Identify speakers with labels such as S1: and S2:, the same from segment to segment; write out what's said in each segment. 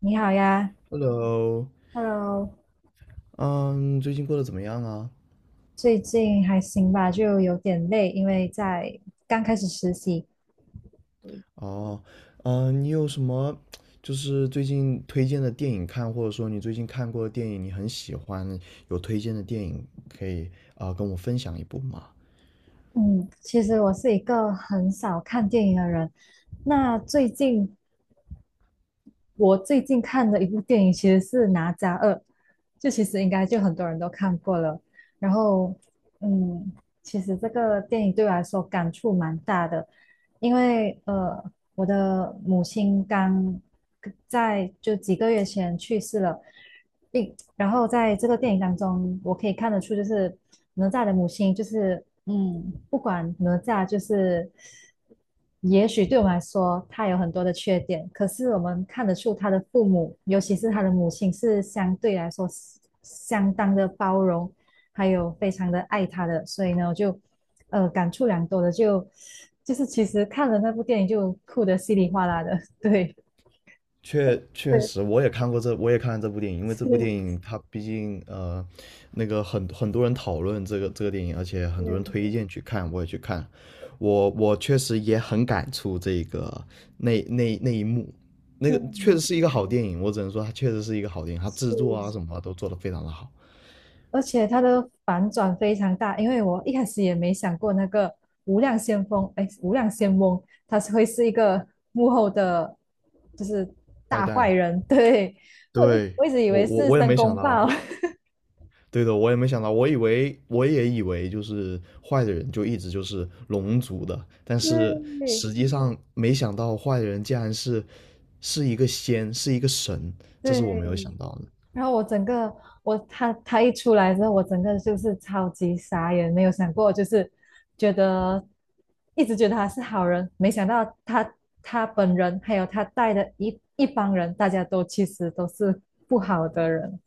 S1: 你好呀
S2: Hello，
S1: ，Hello，
S2: 嗯，最近过得怎么样啊？
S1: 最近还行吧，就有点累，因为在刚开始实习。对，
S2: 哦，嗯，你有什么就是最近推荐的电影看，或者说你最近看过的电影你很喜欢，有推荐的电影可以啊，跟我分享一部吗？
S1: 嗯，其实我是一个很少看电影的人，那最近我最近看的一部电影其实是《哪吒二》，就其实应该就很多人都看过了。然后，嗯，其实这个电影对我来说感触蛮大的，因为我的母亲刚在就几个月前去世了，并然后在这个电影当中，我可以看得出，就是哪吒的母亲就是，不管哪吒就是，也许对我们来说，他有很多的缺点，可是我们看得出他的父母，尤其是他的母亲，是相对来说是相当的包容，还有非常的爱他的，所以呢，我就，感触良多的，就是其实看了那部电影就哭得稀里哗啦的，对，
S2: 确确
S1: 对，
S2: 实，我也看过这，我也看了这部电影，因为这部电
S1: 是，
S2: 影它毕竟那个很多人讨论这个电影，而且很多人推
S1: 嗯，
S2: 荐去看，我也去看，我确实也很感触这个那一幕，那
S1: 对，
S2: 个确实是一个好电影，我只能说它确实是一个好电影，它制作
S1: 是。
S2: 啊什么都做得非常的好。
S1: 而且它的反转非常大，因为我一开始也没想过那个无量先锋，哎，无量先翁，他是会是一个幕后的，就是
S2: 坏
S1: 大坏
S2: 蛋，
S1: 人。对，我一
S2: 对，
S1: 我一直以
S2: 我
S1: 为
S2: 我
S1: 是
S2: 我也
S1: 申
S2: 没想
S1: 公
S2: 到。
S1: 豹。
S2: 对的，我也没想到，我以为我也以为就是坏的人就一直就是龙族的，但是
S1: 对
S2: 实际上没想到坏的人竟然是是一个仙，是一个神，这
S1: 对，
S2: 是我没有想到的。
S1: 然后我整个我他一出来之后，我整个就是超级傻眼，没有想过，就是觉得一直觉得他是好人，没想到他本人还有他带的一帮人，大家都其实都是不好的人。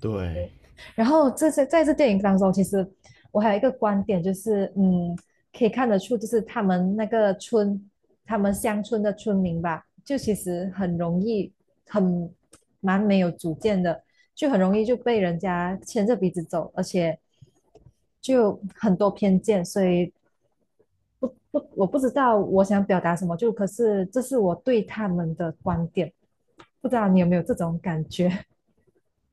S2: 对，
S1: 然后这些在这电影当中，其实我还有一个观点，就是可以看得出，就是他们那个村，他们乡村的村民吧，就其实很容易，很蛮没有主见的，就很容易就被人家牵着鼻子走，而且就很多偏见，所以不不，我不知道我想表达什么，就可是这是我对他们的观点，不知道你有没有这种感觉？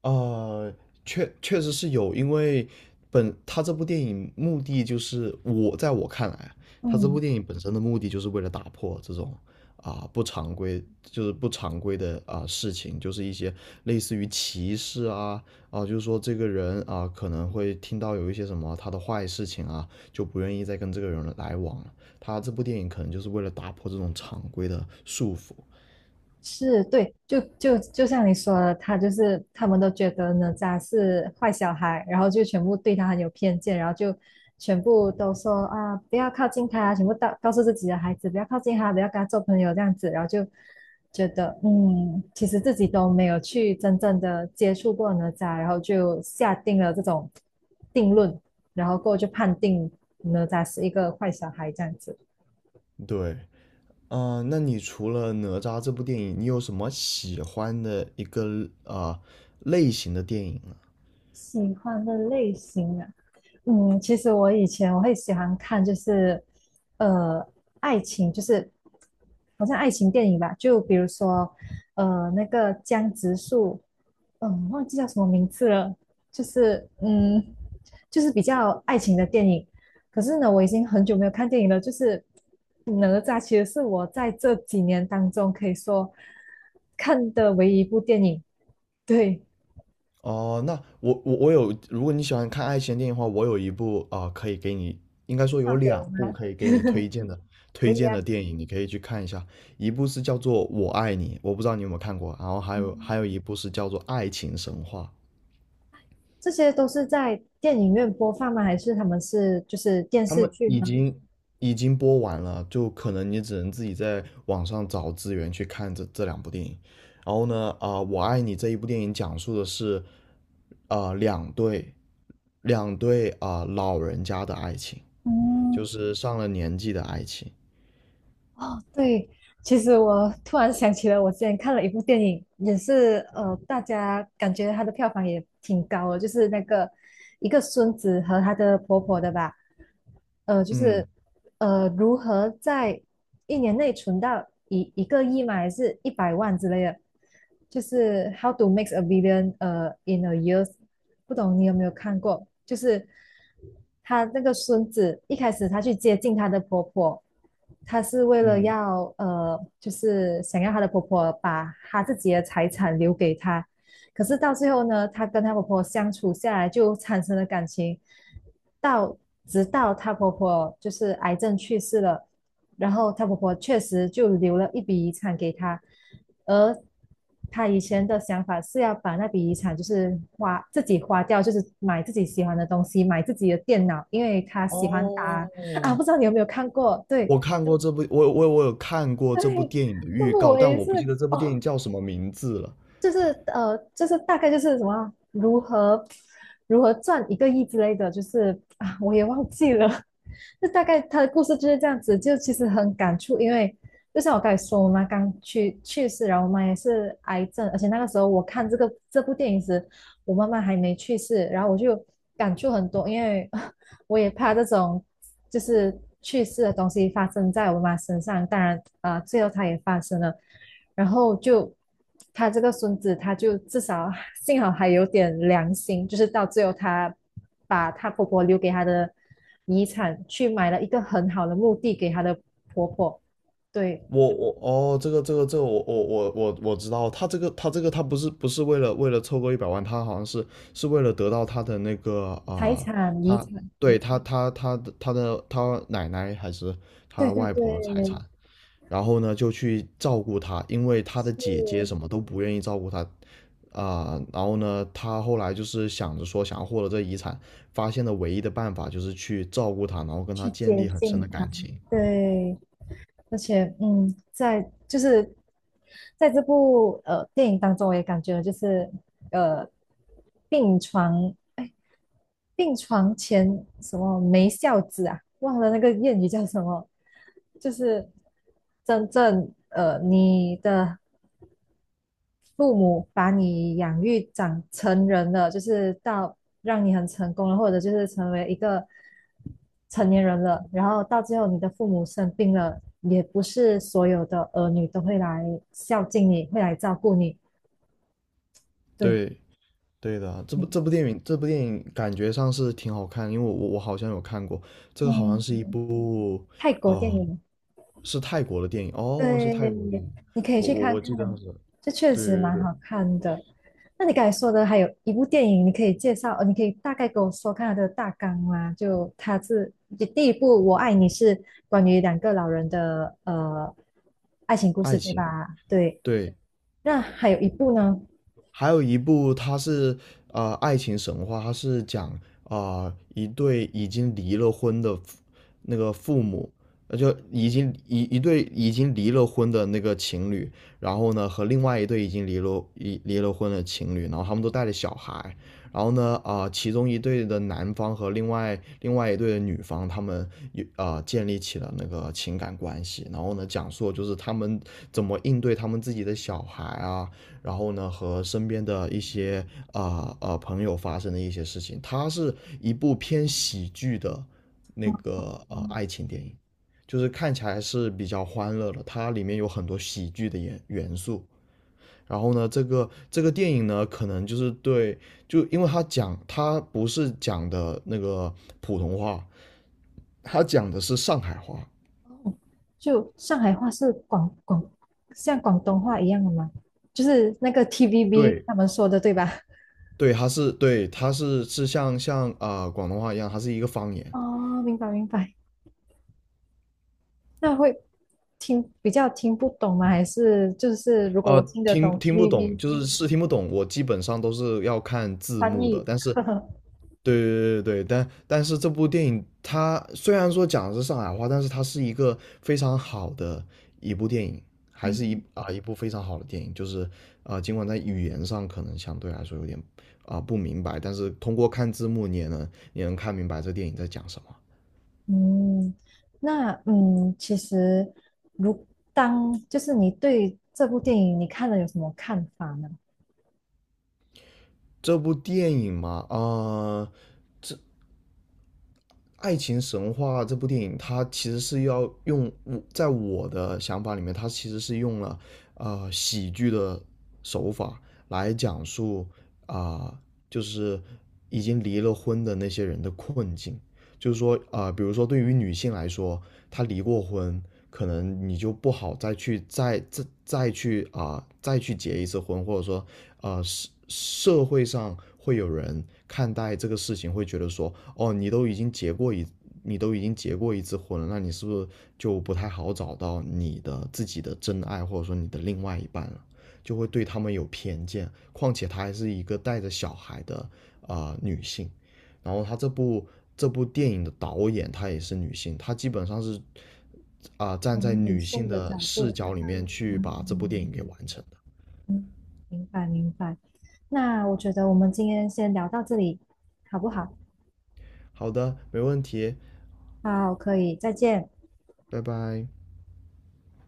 S2: 呃，确确实是有，因为本他这部电影目的就是我在我看来，他这部
S1: 嗯
S2: 电影本身的目的就是为了打破这种不常规，就是不常规的事情，就是一些类似于歧视啊就是说这个人啊、可能会听到有一些什么他的坏事情啊，就不愿意再跟这个人来往了。他这部电影可能就是为了打破这种常规的束缚。
S1: 是对，就像你说的，他就是他们都觉得哪吒是坏小孩，然后就全部对他很有偏见，然后就全部都说啊不要靠近他啊，全部告诉自己的孩子不要靠近他，不要跟他做朋友这样子，然后就觉得其实自己都没有去真正的接触过哪吒，然后就下定了这种定论，然后过后就判定哪吒是一个坏小孩这样子。
S2: 对。那你除了《哪吒》这部电影，你有什么喜欢的一个类型的电影呢？
S1: 喜欢的类型啊，其实我以前我会喜欢看，就是呃，爱情，就是好像爱情电影吧，就比如说那个江直树，忘记叫什么名字了，就是嗯，就是比较爱情的电影。可是呢，我已经很久没有看电影了，就是哪吒其实是我在这几年当中可以说看的唯一一部电影。对，
S2: 哦，那我有，如果你喜欢看爱情电影的话，我有一部可以给你，应该
S1: 介
S2: 说
S1: 绍
S2: 有
S1: 给我
S2: 两部
S1: 吗？
S2: 可以给你推荐的
S1: 可
S2: 推
S1: 以
S2: 荐的
S1: 啊。
S2: 电影，你可以去看一下。一部是叫做《我爱你》，我不知道你有没有看过，然后还有
S1: 嗯
S2: 还有一部是叫做《爱情神话》。
S1: 这些都是在电影院播放吗？还是他们是就是电
S2: 他
S1: 视
S2: 们
S1: 剧
S2: 已
S1: 呢？
S2: 经已经播完了，就可能你只能自己在网上找资源去看这这两部电影。然后呢，我爱你这一部电影讲述的是，呃，两对老人家的爱情，就是上了年纪的爱情。
S1: 哦，对，其实我突然想起了，我之前看了一部电影，也是大家感觉它的票房也挺高的，就是那个一个孙子和他的婆婆的吧，就
S2: 嗯
S1: 是如何在一年内存到一个亿嘛，还是一百万之类的，就是 How to make a billion in a year，不懂你有没有看过？就是她那个孙子一开始她去接近她的婆婆，她是为了
S2: 嗯，
S1: 要就是想要她的婆婆把她自己的财产留给她。可是到最后呢，她跟她婆婆相处下来就产生了感情，到直到她婆婆就是癌症去世了，然后她婆婆确实就留了一笔遗产给她，而她以前的想法是要把那笔遗产就是花自己花掉，就是买自己喜欢的东西，买自己的电脑，因为她喜欢打啊，
S2: 哦，
S1: 不知道你有没有看过？对
S2: 我看过这部，我有看过这部
S1: 对，
S2: 电影的
S1: 那
S2: 预
S1: 部
S2: 告，
S1: 我
S2: 但
S1: 也
S2: 我不记
S1: 是
S2: 得这部电影
S1: 哦，
S2: 叫什么名字了。
S1: 就是就是大概就是什么如何赚一个亿之类的，就是啊，我也忘记了。就大概他的故事就是这样子，就其实很感触，因为就像我刚才说，我妈刚去世，然后我妈也是癌症，而且那个时候我看这部电影时，我妈妈还没去世，然后我就感触很多，因为 我也怕这种就是去世的东西发生在我妈身上，当然啊、最后它也发生了。然后就他这个孙子，他就至少幸好还有点良心，就是到最后他把他婆婆留给他的遗产去买了一个很好的墓地给他的婆婆，对，
S2: 我哦，这个我知道，他这个他这个他不是不是为了为了凑够100万，他好像是是为了得到他的那个
S1: 财产遗
S2: 他
S1: 产，
S2: 对他他的他奶奶还是
S1: 对
S2: 他
S1: 对
S2: 外婆的财
S1: 对，
S2: 产，然后呢就去照顾他，因为他的姐姐
S1: 是
S2: 什么都不愿意照顾他然后呢他后来就是想着说想要获得这遗产，发现的唯一的办法就是去照顾他，然后跟
S1: 去
S2: 他建
S1: 接
S2: 立很深
S1: 近
S2: 的
S1: 他，
S2: 感情。
S1: 对，而且就是在这部电影当中，我也感觉就是呃病床。哎病床前什么没孝子啊，忘了那个谚语叫什么，就是真正你的父母把你养育长成人了，就是到让你很成功了，或者就是成为一个成年人了，然后到最后你的父母生病了，也不是所有的儿女都会来孝敬你，会来照顾你，对，
S2: 对。对的，这部
S1: 嗯
S2: 这部电影这部电影感觉上是挺好看，因为我好像有看过。这个好像
S1: 嗯，
S2: 是一部
S1: 泰国电
S2: 哦，
S1: 影。
S2: 是泰国的电影哦，是
S1: 对，
S2: 泰国的电影。
S1: 你可以
S2: 我
S1: 去
S2: 我
S1: 看
S2: 我记得它
S1: 看，
S2: 是，
S1: 这确实
S2: 对对
S1: 蛮
S2: 对，
S1: 好看的。那你刚才说的还有一部电影，你可以大概跟我说看它的大纲吗？就它是就第一部《我爱你》是关于两个老人的爱情故
S2: 爱
S1: 事，对
S2: 情，
S1: 吧？对。
S2: 对。
S1: 那还有一部呢，
S2: 还有一部它是爱情神话，它是讲一对已经离了婚的那个父母，就已经一一对已经离了婚的那个情侣，然后呢和另外一对已经离了婚的情侣，然后他们都带着小孩，然后呢其中一对的男方和另外一对的女方，他们有建立起了那个情感关系，然后呢讲述就是他们怎么应对他们自己的小孩啊。然后呢，和身边的一些朋友发生的一些事情，它是一部偏喜剧的那个
S1: 嗯
S2: 爱情电影，就是看起来是比较欢乐的，它里面有很多喜剧的元素。然后呢，这个电影呢，可能就是对，就因为它讲它不是讲的那个普通话，它讲的是上海话。
S1: 就上海话是像广东话一样的吗？就是那个 TVB
S2: 对
S1: 他们说的，对吧？
S2: 对，它是对它是像广东话一样，它是一个方言。
S1: 哦，明白明白。那会比较听不懂吗？还是就是如果
S2: 啊，
S1: 我听得
S2: 听
S1: 懂
S2: 听不懂，
S1: TVB
S2: 就是是听不懂，我基本上都是要看字
S1: 翻
S2: 幕的。
S1: 译，
S2: 但 是，
S1: 呵呵，
S2: 对，但但是这部电影它虽然说讲的是上海话，但是它是一个非常好的一部电影，还是
S1: 嗯
S2: 一部非常好的电影。就是尽管在语言上可能相对来说有点不明白，但是通过看字幕你也能你能看明白这电影在讲什么。
S1: 嗯，那其实如当就是你对这部电影你看了有什么看法呢？
S2: 这部电影嘛，爱情神话》这部电影，它其实是要用我在我的想法里面，它其实是用了喜剧的手法来讲述啊、呃就是已经离了婚的那些人的困境。就是说啊，呃，比如说对于女性来说，她离过婚，可能你就不好再去再去再去结一次婚，或者说，呃，社会上会有人看待这个事情，会觉得说，哦，你都已经结过一，你都已经结过一次婚了，那你是不是就不太好找到你的自己的真爱，或者说你的另外一半了？就会对他们有偏见，况且她还是一个带着小孩的啊、呃女性，然后他这部电影的导演她也是女性，她基本上是站在
S1: 从女
S2: 女性
S1: 性的
S2: 的
S1: 角度
S2: 视
S1: 出
S2: 角里
S1: 发，
S2: 面去把这部电影
S1: 嗯，
S2: 给完成的。
S1: 明白明白。那我觉得我们今天先聊到这里，好不好？
S2: 好的，没问题，
S1: 好，可以，再见。
S2: 拜拜。